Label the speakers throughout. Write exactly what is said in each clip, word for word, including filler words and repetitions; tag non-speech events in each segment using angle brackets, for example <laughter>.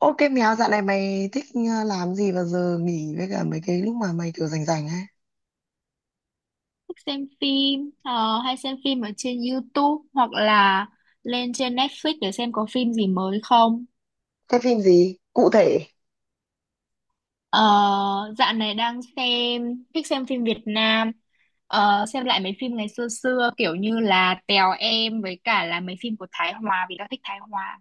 Speaker 1: Ô cái mèo dạo này mày thích ờ, làm gì vào giờ nghỉ với cả mấy cái lúc mà mày kiểu rảnh rảnh ấy?
Speaker 2: Thích xem phim ờ, hay xem phim ở trên YouTube hoặc là lên trên Netflix để xem có phim gì mới không.
Speaker 1: Cái phim gì? Cụ thể.
Speaker 2: ờ, Dạo này đang xem, thích xem phim Việt Nam. Ờ, xem lại mấy phim ngày xưa xưa, kiểu như là Tèo Em với cả là mấy phim của Thái Hòa vì tao thích Thái Hòa.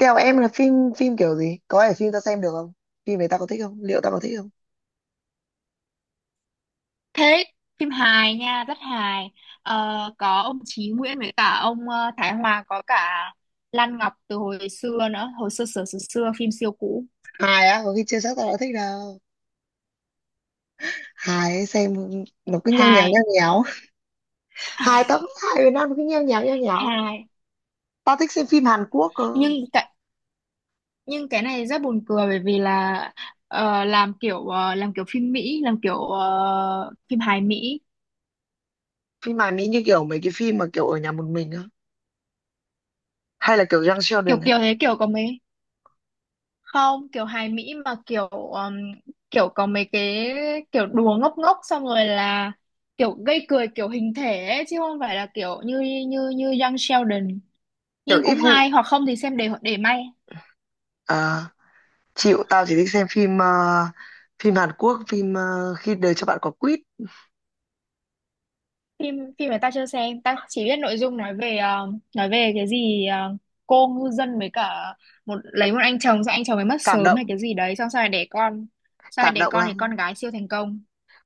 Speaker 1: Kèo em là phim phim kiểu gì? Có phải phim tao xem được không? Phim này tao có thích không? Liệu tao có thích không?
Speaker 2: Thế phim hài nha, rất hài. Ờ, có ông Chí Nguyễn với cả ông ờ, Thái Hòa, có cả Lan Ngọc từ hồi xưa nữa, hồi xưa xưa xưa, xưa phim siêu cũ.
Speaker 1: Hài á, có khi chưa chắc tao đã thích đâu. Hài ấy, xem nó cứ nheo nhéo
Speaker 2: Hài.
Speaker 1: nheo nhéo. Hài tao cũng hài Việt Nam nó cứ nheo nhéo nheo nhéo.
Speaker 2: Hài.
Speaker 1: Tao thích xem phim Hàn Quốc cơ.
Speaker 2: nhưng cái nhưng cái này rất buồn cười, bởi vì là ờ, làm kiểu ờ, làm kiểu phim Mỹ, làm kiểu ờ, phim hài Mỹ.
Speaker 1: Phim Hàn Mỹ như kiểu mấy cái phim mà kiểu ở nhà một mình á. Hay là kiểu Young
Speaker 2: kiểu
Speaker 1: Sheldon ấy.
Speaker 2: kiểu thế, kiểu có mấy, không kiểu hài Mỹ mà kiểu ừm, kiểu có mấy cái, kiểu đùa ngốc ngốc, xong rồi là kiểu gây cười kiểu hình thể ấy, chứ không phải là kiểu như như như Young Sheldon.
Speaker 1: Kiểu
Speaker 2: Nhưng
Speaker 1: if
Speaker 2: cũng
Speaker 1: you...
Speaker 2: hay, hoặc không thì xem để để may.
Speaker 1: Chịu, tao chỉ thích xem phim ờ, phim Hàn Quốc, phim ờ, khi đời cho bạn quả quýt.
Speaker 2: Phim phim mà tao chưa xem, tao chỉ biết nội dung nói về ờ, nói về cái gì ờ, cô ngư dân với cả một lấy một anh chồng, xong anh chồng ấy mất
Speaker 1: Cảm
Speaker 2: sớm hay
Speaker 1: động,
Speaker 2: cái gì đấy, xong sau này đẻ con. Sau này
Speaker 1: cảm
Speaker 2: đẻ
Speaker 1: động
Speaker 2: con thì
Speaker 1: lắm,
Speaker 2: con gái siêu thành công.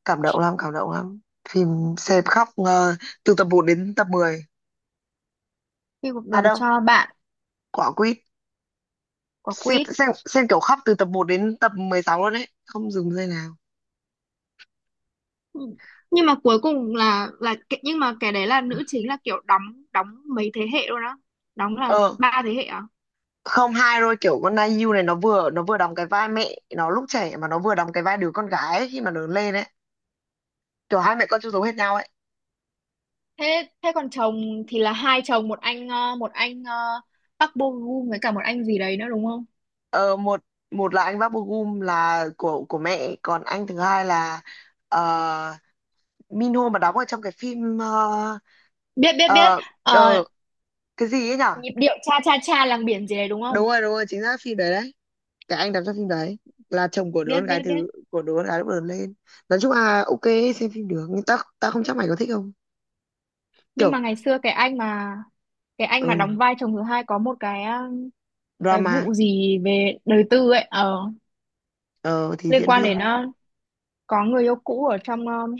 Speaker 1: cảm động lắm, cảm động lắm. Phim xem khóc ờ, từ tập một đến tập mười.
Speaker 2: Khi cuộc
Speaker 1: À
Speaker 2: đời
Speaker 1: đâu,
Speaker 2: cho bạn
Speaker 1: quả quýt.
Speaker 2: quả
Speaker 1: xem,
Speaker 2: quýt.
Speaker 1: xem xem kiểu khóc từ tập một đến tập mười sáu luôn đấy, không dừng giây nào.
Speaker 2: Ừ. Nhưng mà cuối cùng là là cái- nhưng mà cái đấy là nữ chính là kiểu đóng đóng mấy thế hệ luôn á, đóng là
Speaker 1: ờ
Speaker 2: ba thế hệ à?
Speaker 1: Không, hai rồi, kiểu con ai u này nó vừa nó vừa đóng cái vai mẹ nó lúc trẻ, mà nó vừa đóng cái vai đứa con gái ấy, khi mà lớn lên ấy, kiểu hai mẹ con chung giống hết nhau ấy.
Speaker 2: Thế thế còn chồng thì là hai chồng, một anh ờ, một anh ờ, Park Bo Gum với cả một anh gì đấy nữa, đúng không?
Speaker 1: Ờ, một một là anh Bác Gum là của của mẹ, còn anh thứ hai là ờ, Minho mà đóng ở trong cái phim ờ,
Speaker 2: Biết, biết, biết.
Speaker 1: ờ,
Speaker 2: Ờ,
Speaker 1: ờ, cái gì ấy nhở.
Speaker 2: nhịp điệu cha cha cha làng biển gì đấy đúng
Speaker 1: Đúng
Speaker 2: không?
Speaker 1: rồi, đúng rồi, chính xác, phim đấy đấy. Cái anh đóng trong phim đấy là chồng của đứa
Speaker 2: Biết,
Speaker 1: con gái
Speaker 2: biết, biết.
Speaker 1: thứ, của đứa con gái lúc lớn lên. Nói chung là ok, xem phim được nhưng ta ta không chắc mày có thích không.
Speaker 2: Nhưng
Speaker 1: Kiểu
Speaker 2: mà ngày xưa cái anh mà cái anh
Speaker 1: ờ,
Speaker 2: mà đóng vai chồng thứ hai có một cái, um, cái
Speaker 1: drama.
Speaker 2: vụ gì về đời tư ấy, ờ
Speaker 1: ờ, thì
Speaker 2: liên
Speaker 1: diễn
Speaker 2: quan đến,
Speaker 1: viên.
Speaker 2: uh, có người yêu cũ ở trong, um,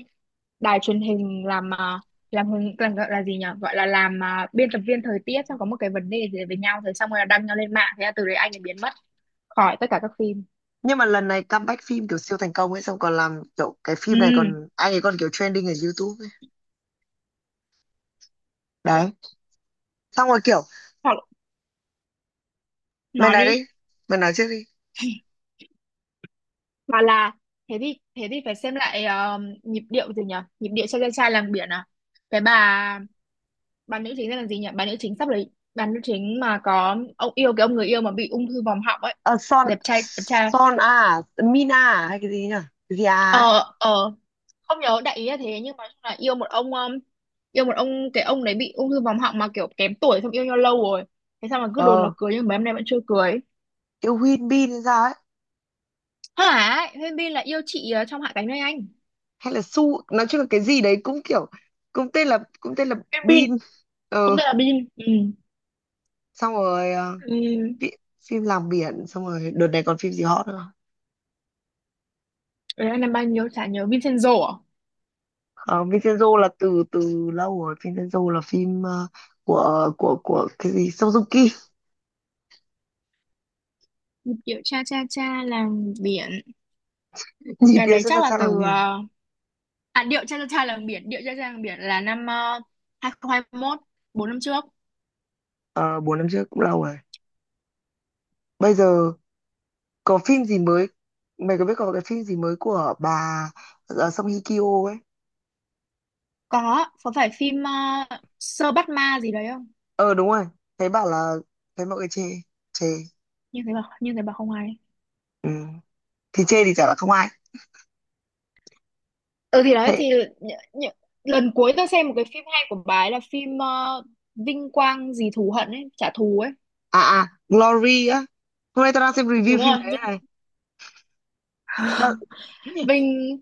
Speaker 2: đài truyền hình, làm uh, làm hướng làm gọi là gì nhỉ, gọi là làm uh, biên tập viên thời tiết, xong có một cái vấn đề gì đấy với nhau rồi xong rồi là đăng nhau lên mạng, thế là từ đấy anh ấy biến mất khỏi tất cả các phim.
Speaker 1: Nhưng mà lần này comeback phim kiểu siêu thành công ấy, xong còn làm kiểu cái
Speaker 2: Ừ.
Speaker 1: phim này, còn anh ấy còn kiểu trending ở YouTube ấy. Đấy, xong rồi kiểu
Speaker 2: Hoặc
Speaker 1: mày
Speaker 2: nói
Speaker 1: nói
Speaker 2: đi.
Speaker 1: đi, mày nói trước đi.
Speaker 2: Hoặc là thế thì thế thì phải xem lại ờ, nhịp điệu gì nhỉ? Nhịp điệu cho chàng trai làng biển à? Cái bà bà nữ chính tên là gì nhỉ? Bà nữ chính sắp lấy bà nữ chính mà có ông yêu, cái ông người yêu mà bị ung thư vòm họng ấy.
Speaker 1: ờ Son,
Speaker 2: Đẹp trai, đẹp trai.
Speaker 1: Son à, Mina à, hay cái gì nhỉ? Cái gì à ấy.
Speaker 2: Ờ ờ Không nhớ, đại ý là thế, nhưng mà nói chung là yêu một ông, um, yêu một ông cái ông đấy bị ung thư vòm họng mà kiểu kém tuổi, xong yêu nhau lâu rồi. Thế sao mà cứ đồn là
Speaker 1: Ờ,
Speaker 2: cưới nhưng mấy hôm nay vẫn chưa cưới.
Speaker 1: yêu Win Bin hay sao ấy.
Speaker 2: Hả? Huyên Bin là yêu chị ờ, trong Hạ cánh nơi anh.
Speaker 1: Hay là Su nói chung là cái gì đấy, cũng kiểu cũng tên là cũng tên là
Speaker 2: Huyên Bin
Speaker 1: Bin.
Speaker 2: cũng
Speaker 1: ờ
Speaker 2: tên là Bin. Ừ.
Speaker 1: Xong rồi ờ,
Speaker 2: Ừ.
Speaker 1: phim, phim làng biển. Xong rồi đợt này còn phim gì hot nữa?
Speaker 2: Đấy anh làm bao nhiêu chả nhớ, Vincenzo à?
Speaker 1: Không? uh, Vincenzo là từ từ lâu rồi, Vincenzo là phim ờ, của của của cái gì Suzuki.
Speaker 2: Điệu cha cha cha làng biển.
Speaker 1: <laughs> Nhìn
Speaker 2: Cái
Speaker 1: địa
Speaker 2: đấy
Speaker 1: xuất
Speaker 2: chắc
Speaker 1: sắc
Speaker 2: là
Speaker 1: sang làng
Speaker 2: từ,
Speaker 1: biển.
Speaker 2: ờ, à điệu cha cha cha làng biển, điệu cha cha làng biển là năm uh, hai không hai một, bốn năm trước.
Speaker 1: Ờ, bốn năm trước cũng lâu rồi. Bây giờ có phim gì mới, mày có biết có cái phim gì mới của bà ờ, Song Hye Kyo ấy?
Speaker 2: Có, có, phải phim ờ, Sơ Bắt Ma gì đấy không?
Speaker 1: Ờ, đúng rồi, thấy bảo là thấy mọi người chê, chê.
Speaker 2: Như thế bảo như thế bảo không hay.
Speaker 1: Ừ. Thì chê thì chả là không ai.
Speaker 2: Ừ thì đấy
Speaker 1: Thế
Speaker 2: thì nh, nh, lần cuối tao xem một cái phim hay của bà ấy là phim ờ, Vinh Quang gì thù hận ấy, trả thù ấy.
Speaker 1: à? À Glory á, hôm nay tao đang xem review
Speaker 2: Đúng
Speaker 1: phim
Speaker 2: rồi,
Speaker 1: đấy
Speaker 2: Vinh
Speaker 1: này. Tao-
Speaker 2: <laughs>
Speaker 1: <clears throat>
Speaker 2: Vinh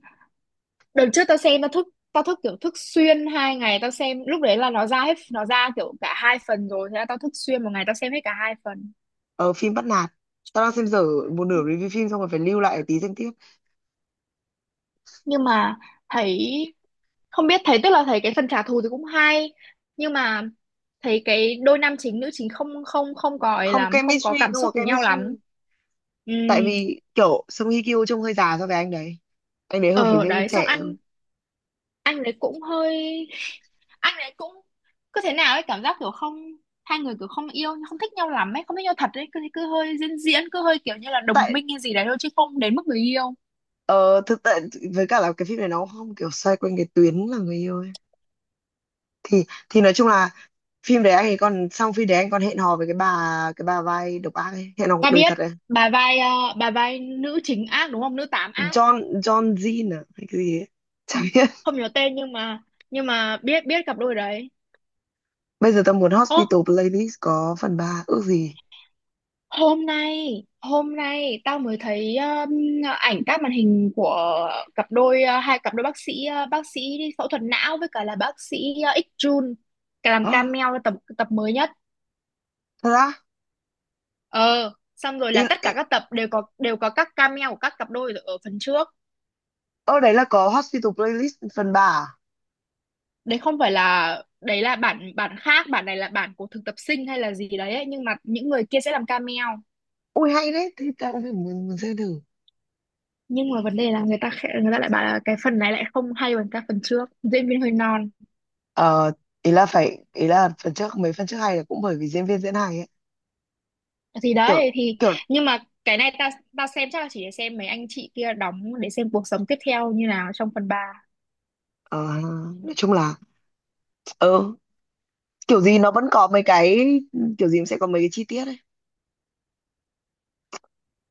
Speaker 2: đợt trước tao xem, tao thức tao thức kiểu thức xuyên hai ngày, tao xem lúc đấy là nó ra hết, nó ra kiểu cả hai phần rồi, thế là tao thức xuyên một ngày tao xem hết cả hai phần.
Speaker 1: Ở phim bắt nạt, tao đang xem dở một nửa review phim, xong rồi phải lưu lại tí xem tiếp.
Speaker 2: Nhưng mà thấy, không biết, thấy tức là thấy cái phần trả thù thì cũng hay, nhưng mà thấy cái đôi nam chính nữ chính không không không có ấy
Speaker 1: Không
Speaker 2: lắm, không có
Speaker 1: chemistry,
Speaker 2: cảm
Speaker 1: không
Speaker 2: xúc
Speaker 1: có
Speaker 2: với nhau
Speaker 1: chemistry,
Speaker 2: lắm. Ừ.
Speaker 1: tại vì kiểu Song Hye Kyo trông hơi già so với anh đấy, anh đấy hợp với
Speaker 2: ờ
Speaker 1: diễn viên
Speaker 2: Đấy xong
Speaker 1: trẻ
Speaker 2: ăn,
Speaker 1: hơn.
Speaker 2: anh đấy cũng hơi anh đấy cũng cứ thế nào ấy, cảm giác kiểu không, hai người kiểu không yêu không thích nhau lắm ấy, không thích nhau thật ấy, cứ cứ hơi diễn, diễn cứ hơi kiểu như là đồng
Speaker 1: Tại
Speaker 2: minh hay gì đấy thôi chứ không đến mức người yêu.
Speaker 1: Ờ, Thực tại với cả là cái phim này nó không kiểu xoay quanh cái tuyến là người yêu ấy. Thì thì nói chung là phim đấy anh ấy còn, xong phim đấy anh còn hẹn hò với cái bà, cái bà vai độc ác ấy, hẹn hò cuộc
Speaker 2: Ta
Speaker 1: đời
Speaker 2: biết,
Speaker 1: thật ấy.
Speaker 2: bà vai ờ, bà vai nữ chính ác, đúng không, nữ tám ác.
Speaker 1: John John Jean à hay cái gì ấy. <laughs> Chả biết.
Speaker 2: Không nhớ tên, nhưng mà nhưng mà biết biết cặp đôi đấy.
Speaker 1: Bây giờ tao muốn
Speaker 2: Ô,
Speaker 1: Hospital Playlist có phần ba, ước gì.
Speaker 2: hôm nay hôm nay tao mới thấy, um, ảnh các màn hình của cặp đôi, uh, hai cặp đôi bác sĩ, uh, bác sĩ đi phẫu thuật não với cả là bác sĩ, uh, X Jun, cả làm
Speaker 1: Ơ,
Speaker 2: cameo tập tập mới nhất.
Speaker 1: thật á?
Speaker 2: ờ Xong rồi
Speaker 1: Ý,
Speaker 2: là tất
Speaker 1: ý,
Speaker 2: cả các tập đều có, đều có các cameo của các cặp đôi ở phần trước.
Speaker 1: ở đấy là có Hospital Playlist phần ba à?
Speaker 2: Đấy không phải là, đấy là bản bản khác, bản này là bản của thực tập sinh hay là gì đấy ấy. Nhưng mà những người kia sẽ làm cameo.
Speaker 1: Ui hay đấy, thì tao cũng phải muốn, muốn xem thử.
Speaker 2: Nhưng mà vấn đề là người ta khẽ- người ta lại bảo là cái phần này lại không hay bằng các phần trước, diễn viên hơi non.
Speaker 1: Ờ, ý là phải, ý là phần trước, mấy phần trước hay là cũng bởi vì diễn viên diễn hay ấy.
Speaker 2: Thì
Speaker 1: Kiểu
Speaker 2: đấy thì,
Speaker 1: Kiểu
Speaker 2: nhưng mà cái này ta ta xem chắc là chỉ để xem mấy anh chị kia đóng, để xem cuộc sống tiếp theo như nào trong phần ba.
Speaker 1: Ờ, Nói chung là ờ, kiểu gì nó vẫn có mấy cái, kiểu gì cũng sẽ có mấy cái chi tiết ấy.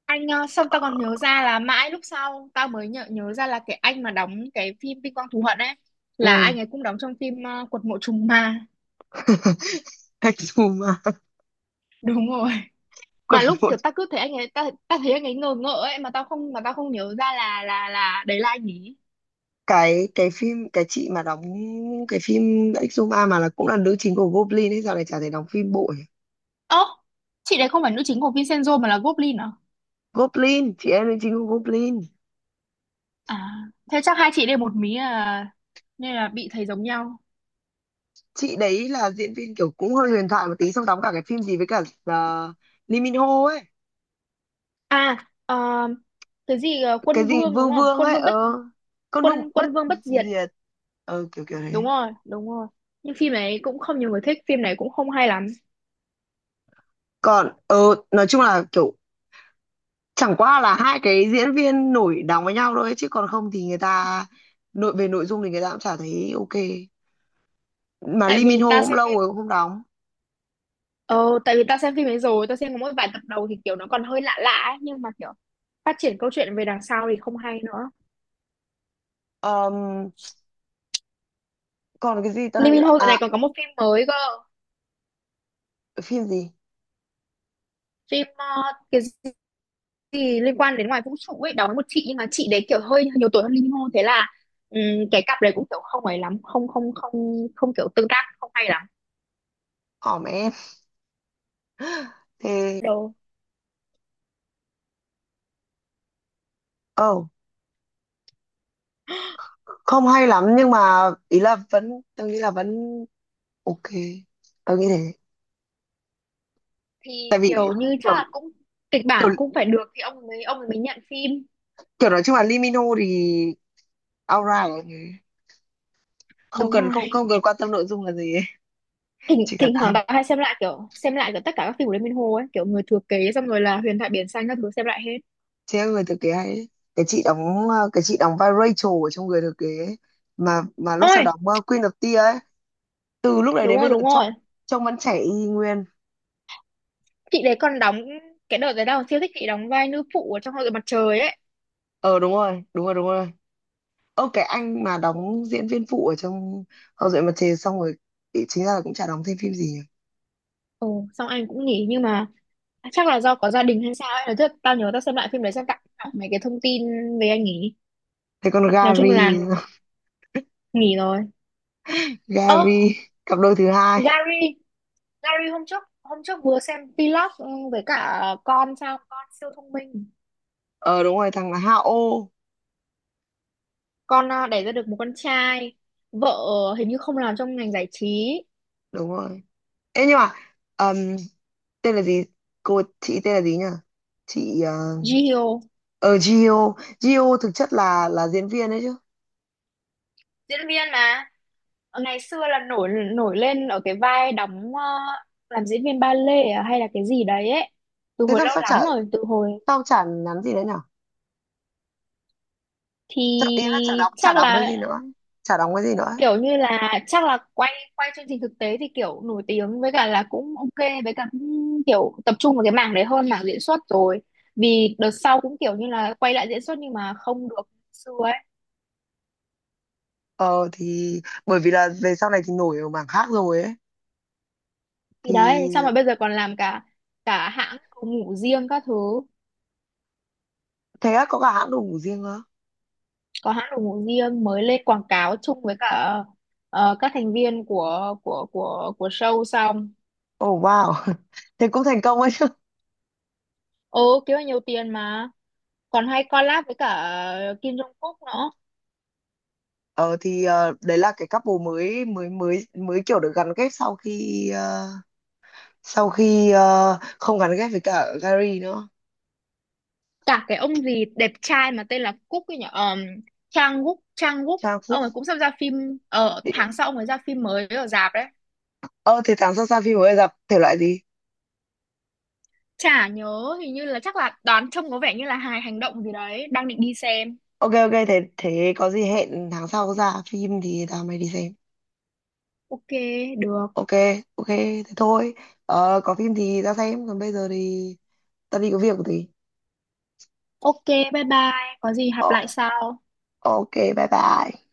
Speaker 2: Anh, ờ, xong tao còn nhớ ra là mãi lúc sau tao mới nhớ nhớ ra là cái anh mà đóng cái phim Vinh Quang Thù Hận ấy
Speaker 1: Ừ.
Speaker 2: là anh ấy cũng đóng trong phim ờ, Quật Mộ Trùng Ma.
Speaker 1: <laughs> Exuma.
Speaker 2: <laughs> Đúng rồi. Mà
Speaker 1: Còn
Speaker 2: lúc
Speaker 1: một
Speaker 2: kiểu tao cứ thấy anh ấy, tao tao thấy anh ấy ngờ ngợ ấy, mà tao không, mà tao không nhớ ra là là là đấy là anh ấy.
Speaker 1: cái cái phim, cái chị mà đóng cái phim Exuma mà là cũng là nữ chính của Goblin ấy, giờ này chả thể đóng phim bộ nhỉ?
Speaker 2: Ơ, chị đấy không phải nữ chính của Vincenzo mà là Goblin à?
Speaker 1: Goblin, chị em nữ chính của Goblin.
Speaker 2: À thế chắc hai chị đây một mí à, nên là bị thấy giống nhau.
Speaker 1: Chị đấy là diễn viên kiểu cũng hơi huyền thoại một tí, xong đóng cả cái phim gì với cả uh, Lee Min Ho ấy.
Speaker 2: À, ờ, cái gì ờ,
Speaker 1: Cái
Speaker 2: quân
Speaker 1: gì
Speaker 2: vương đúng
Speaker 1: Vương
Speaker 2: không?
Speaker 1: Vương
Speaker 2: Quân
Speaker 1: ấy,
Speaker 2: vương
Speaker 1: ờ
Speaker 2: bất,
Speaker 1: con Vương
Speaker 2: quân
Speaker 1: bất
Speaker 2: quân vương bất diệt.
Speaker 1: diệt. ờ kiểu kiểu đấy.
Speaker 2: Đúng rồi, đúng rồi. Nhưng phim này cũng không nhiều người thích, phim này cũng không hay lắm.
Speaker 1: Còn ờ nói chung là kiểu chẳng qua là hai cái diễn viên nổi đóng với nhau thôi, chứ còn không thì người ta, nội về nội dung thì người ta cũng chả thấy ok. Mà
Speaker 2: Tại
Speaker 1: Lee Min
Speaker 2: vì
Speaker 1: Ho
Speaker 2: ta
Speaker 1: cũng
Speaker 2: xem
Speaker 1: lâu
Speaker 2: phim
Speaker 1: rồi cũng không đóng.
Speaker 2: Ờ, tại vì ta xem phim ấy rồi, ta xem có mỗi vài tập đầu thì kiểu nó còn hơi lạ lạ ấy, nhưng mà kiểu phát triển câu chuyện về đằng sau thì không hay nữa.
Speaker 1: Ờm, Còn cái gì ta đang
Speaker 2: Lee
Speaker 1: định
Speaker 2: Min
Speaker 1: bảo-
Speaker 2: Ho dạo
Speaker 1: à
Speaker 2: này còn có một phim mới cơ,
Speaker 1: phim gì?
Speaker 2: phim, ờ, cái gì liên quan đến ngoài vũ trụ ấy, đó một chị nhưng mà chị đấy kiểu hơi nhiều tuổi hơn Lee Min Ho, thế là ừm, cái cặp đấy cũng kiểu không ấy lắm, không không không không kiểu tương tác không hay lắm.
Speaker 1: Hỏm em. Thế
Speaker 2: Đồ,
Speaker 1: oh không hay lắm nhưng mà ý là vẫn, tôi nghĩ là vẫn ok, tôi nghĩ thế.
Speaker 2: thì kiểu như chắc
Speaker 1: kiểu
Speaker 2: là cũng kịch
Speaker 1: kiểu,
Speaker 2: bản cũng phải được thì ông mới ông mới nhận phim.
Speaker 1: kiểu nói chung là Lee Min Ho thì alright, không
Speaker 2: Đúng
Speaker 1: cần,
Speaker 2: rồi,
Speaker 1: không không cần quan tâm nội dung là gì ấy. <laughs>
Speaker 2: thỉnh
Speaker 1: Chỉ cần
Speaker 2: thỉnh
Speaker 1: à,
Speaker 2: thoảng tao hay xem lại, kiểu xem lại kiểu tất cả các phim của Lê Minh Hồ ấy, kiểu người thừa kế, xong rồi là huyền thoại biển xanh các thứ, xem lại hết.
Speaker 1: thế em người thừa kế hay đấy. Cái chị đóng ờ, cái chị đóng vai Rachel ở trong người thừa kế ấy, mà mà lúc sau
Speaker 2: Ôi
Speaker 1: đóng ờ, Queen of Tears ấy. Từ lúc đấy
Speaker 2: đúng
Speaker 1: đến bây
Speaker 2: rồi,
Speaker 1: giờ
Speaker 2: đúng
Speaker 1: trông,
Speaker 2: rồi,
Speaker 1: trông vẫn trẻ y nguyên.
Speaker 2: chị đấy còn đóng, cái đợt đấy tao siêu thích chị đóng vai nữ phụ ở trong hội mặt trời ấy.
Speaker 1: Ờ, đúng rồi, đúng rồi, đúng rồi. Ơ, cái anh mà đóng diễn viên phụ ở trong Hậu duệ mặt trời, xong rồi ý- chính ra là cũng chả đóng thêm phim gì nhỉ?
Speaker 2: Ồ xong anh cũng nghỉ, nhưng mà chắc là do có gia đình hay sao ấy, nói thật tao nhớ tao xem lại phim đấy xem, tặng đọc mấy cái thông tin về anh nghỉ.
Speaker 1: Thế còn
Speaker 2: Nói chung
Speaker 1: Gary?
Speaker 2: là nghỉ rồi.
Speaker 1: <laughs>
Speaker 2: Ơ
Speaker 1: Gary, cặp đôi thứ hai.
Speaker 2: Gary, Larry, hôm trước hôm trước vừa xem vlog, ừ, với cả con sao, con siêu thông minh.
Speaker 1: Ờ, đúng rồi, thằng là Hao.
Speaker 2: Con à, đẻ ra được một con trai. Vợ, ờ, hình như không làm trong ngành giải trí.
Speaker 1: Đúng rồi. Ê nhưng mà ờm, tên là gì, cô chị tên là gì nhỉ, chị ờ,
Speaker 2: Jihyo
Speaker 1: ở Gio. Gio thực chất là là diễn viên đấy chứ.
Speaker 2: diễn viên mà. Ờ, ngày xưa là nổi nổi lên ở cái vai đóng, ờ, làm diễn viên ba lê à, hay là cái gì đấy ấy, từ
Speaker 1: Thế
Speaker 2: hồi
Speaker 1: sao
Speaker 2: lâu
Speaker 1: sao chả
Speaker 2: lắm rồi, từ hồi.
Speaker 1: sao chả nhắn gì đấy nhở?
Speaker 2: Thì
Speaker 1: Chả, ý là chả đóng chả
Speaker 2: chắc
Speaker 1: đóng cái
Speaker 2: là
Speaker 1: gì nữa, chả đóng cái gì nữa.
Speaker 2: kiểu như là chắc là quay quay chương trình thực tế thì kiểu nổi tiếng, với cả là cũng ok, với cả cũng kiểu tập trung vào cái mảng đấy hơn mảng diễn xuất rồi. Vì đợt sau cũng kiểu như là quay lại diễn xuất nhưng mà không được như xưa ấy.
Speaker 1: Ờ thì bởi vì là về sau này thì nổi ở mảng khác rồi ấy.
Speaker 2: Thì đấy sao
Speaker 1: Thì
Speaker 2: mà bây giờ còn làm cả cả hãng đồ ngủ riêng các thứ.
Speaker 1: thế á, có cả hãng đồ ngủ riêng nữa?
Speaker 2: Có hãng đồ ngủ riêng, mới lên quảng cáo chung với cả, ờ, các thành viên của của của của show xong.
Speaker 1: Oh wow. <laughs> Thế cũng thành công ấy chứ.
Speaker 2: Ừ, kiếm được nhiều tiền mà. Còn hay collab với cả, ờ, Kim Jong Kook nữa.
Speaker 1: Ờ thì ờ, đấy là cái couple mới mới mới mới kiểu được gắn kết sau khi ờ, sau khi ờ, không gắn kết với cả Gary nữa.
Speaker 2: Cả cái ông gì đẹp trai mà tên là Cúc ấy nhỉ, um, Trang Wook, Trang Wook.
Speaker 1: Trang
Speaker 2: Ông
Speaker 1: Phúc.
Speaker 2: ấy cũng sắp ra phim ở tháng sau, ông ấy ra phim mới ở rạp đấy.
Speaker 1: ờ thì tháng sau ra phim mới, gặp thể loại gì?
Speaker 2: Chả nhớ, hình như là chắc là đoán trông có vẻ như là hài hành động gì đấy, đang định đi xem.
Speaker 1: Ok, ok, thế thế có gì hẹn tháng sau ra phim thì tao mày đi xem.
Speaker 2: Ok, được.
Speaker 1: Ok. Ok, thế thôi. Ờ, có phim thì ra xem, còn bây giờ thì tao đi có việc một tí.
Speaker 2: Ok, bye bye, có gì gặp
Speaker 1: Ờ,
Speaker 2: lại sau.
Speaker 1: ok, bye bye.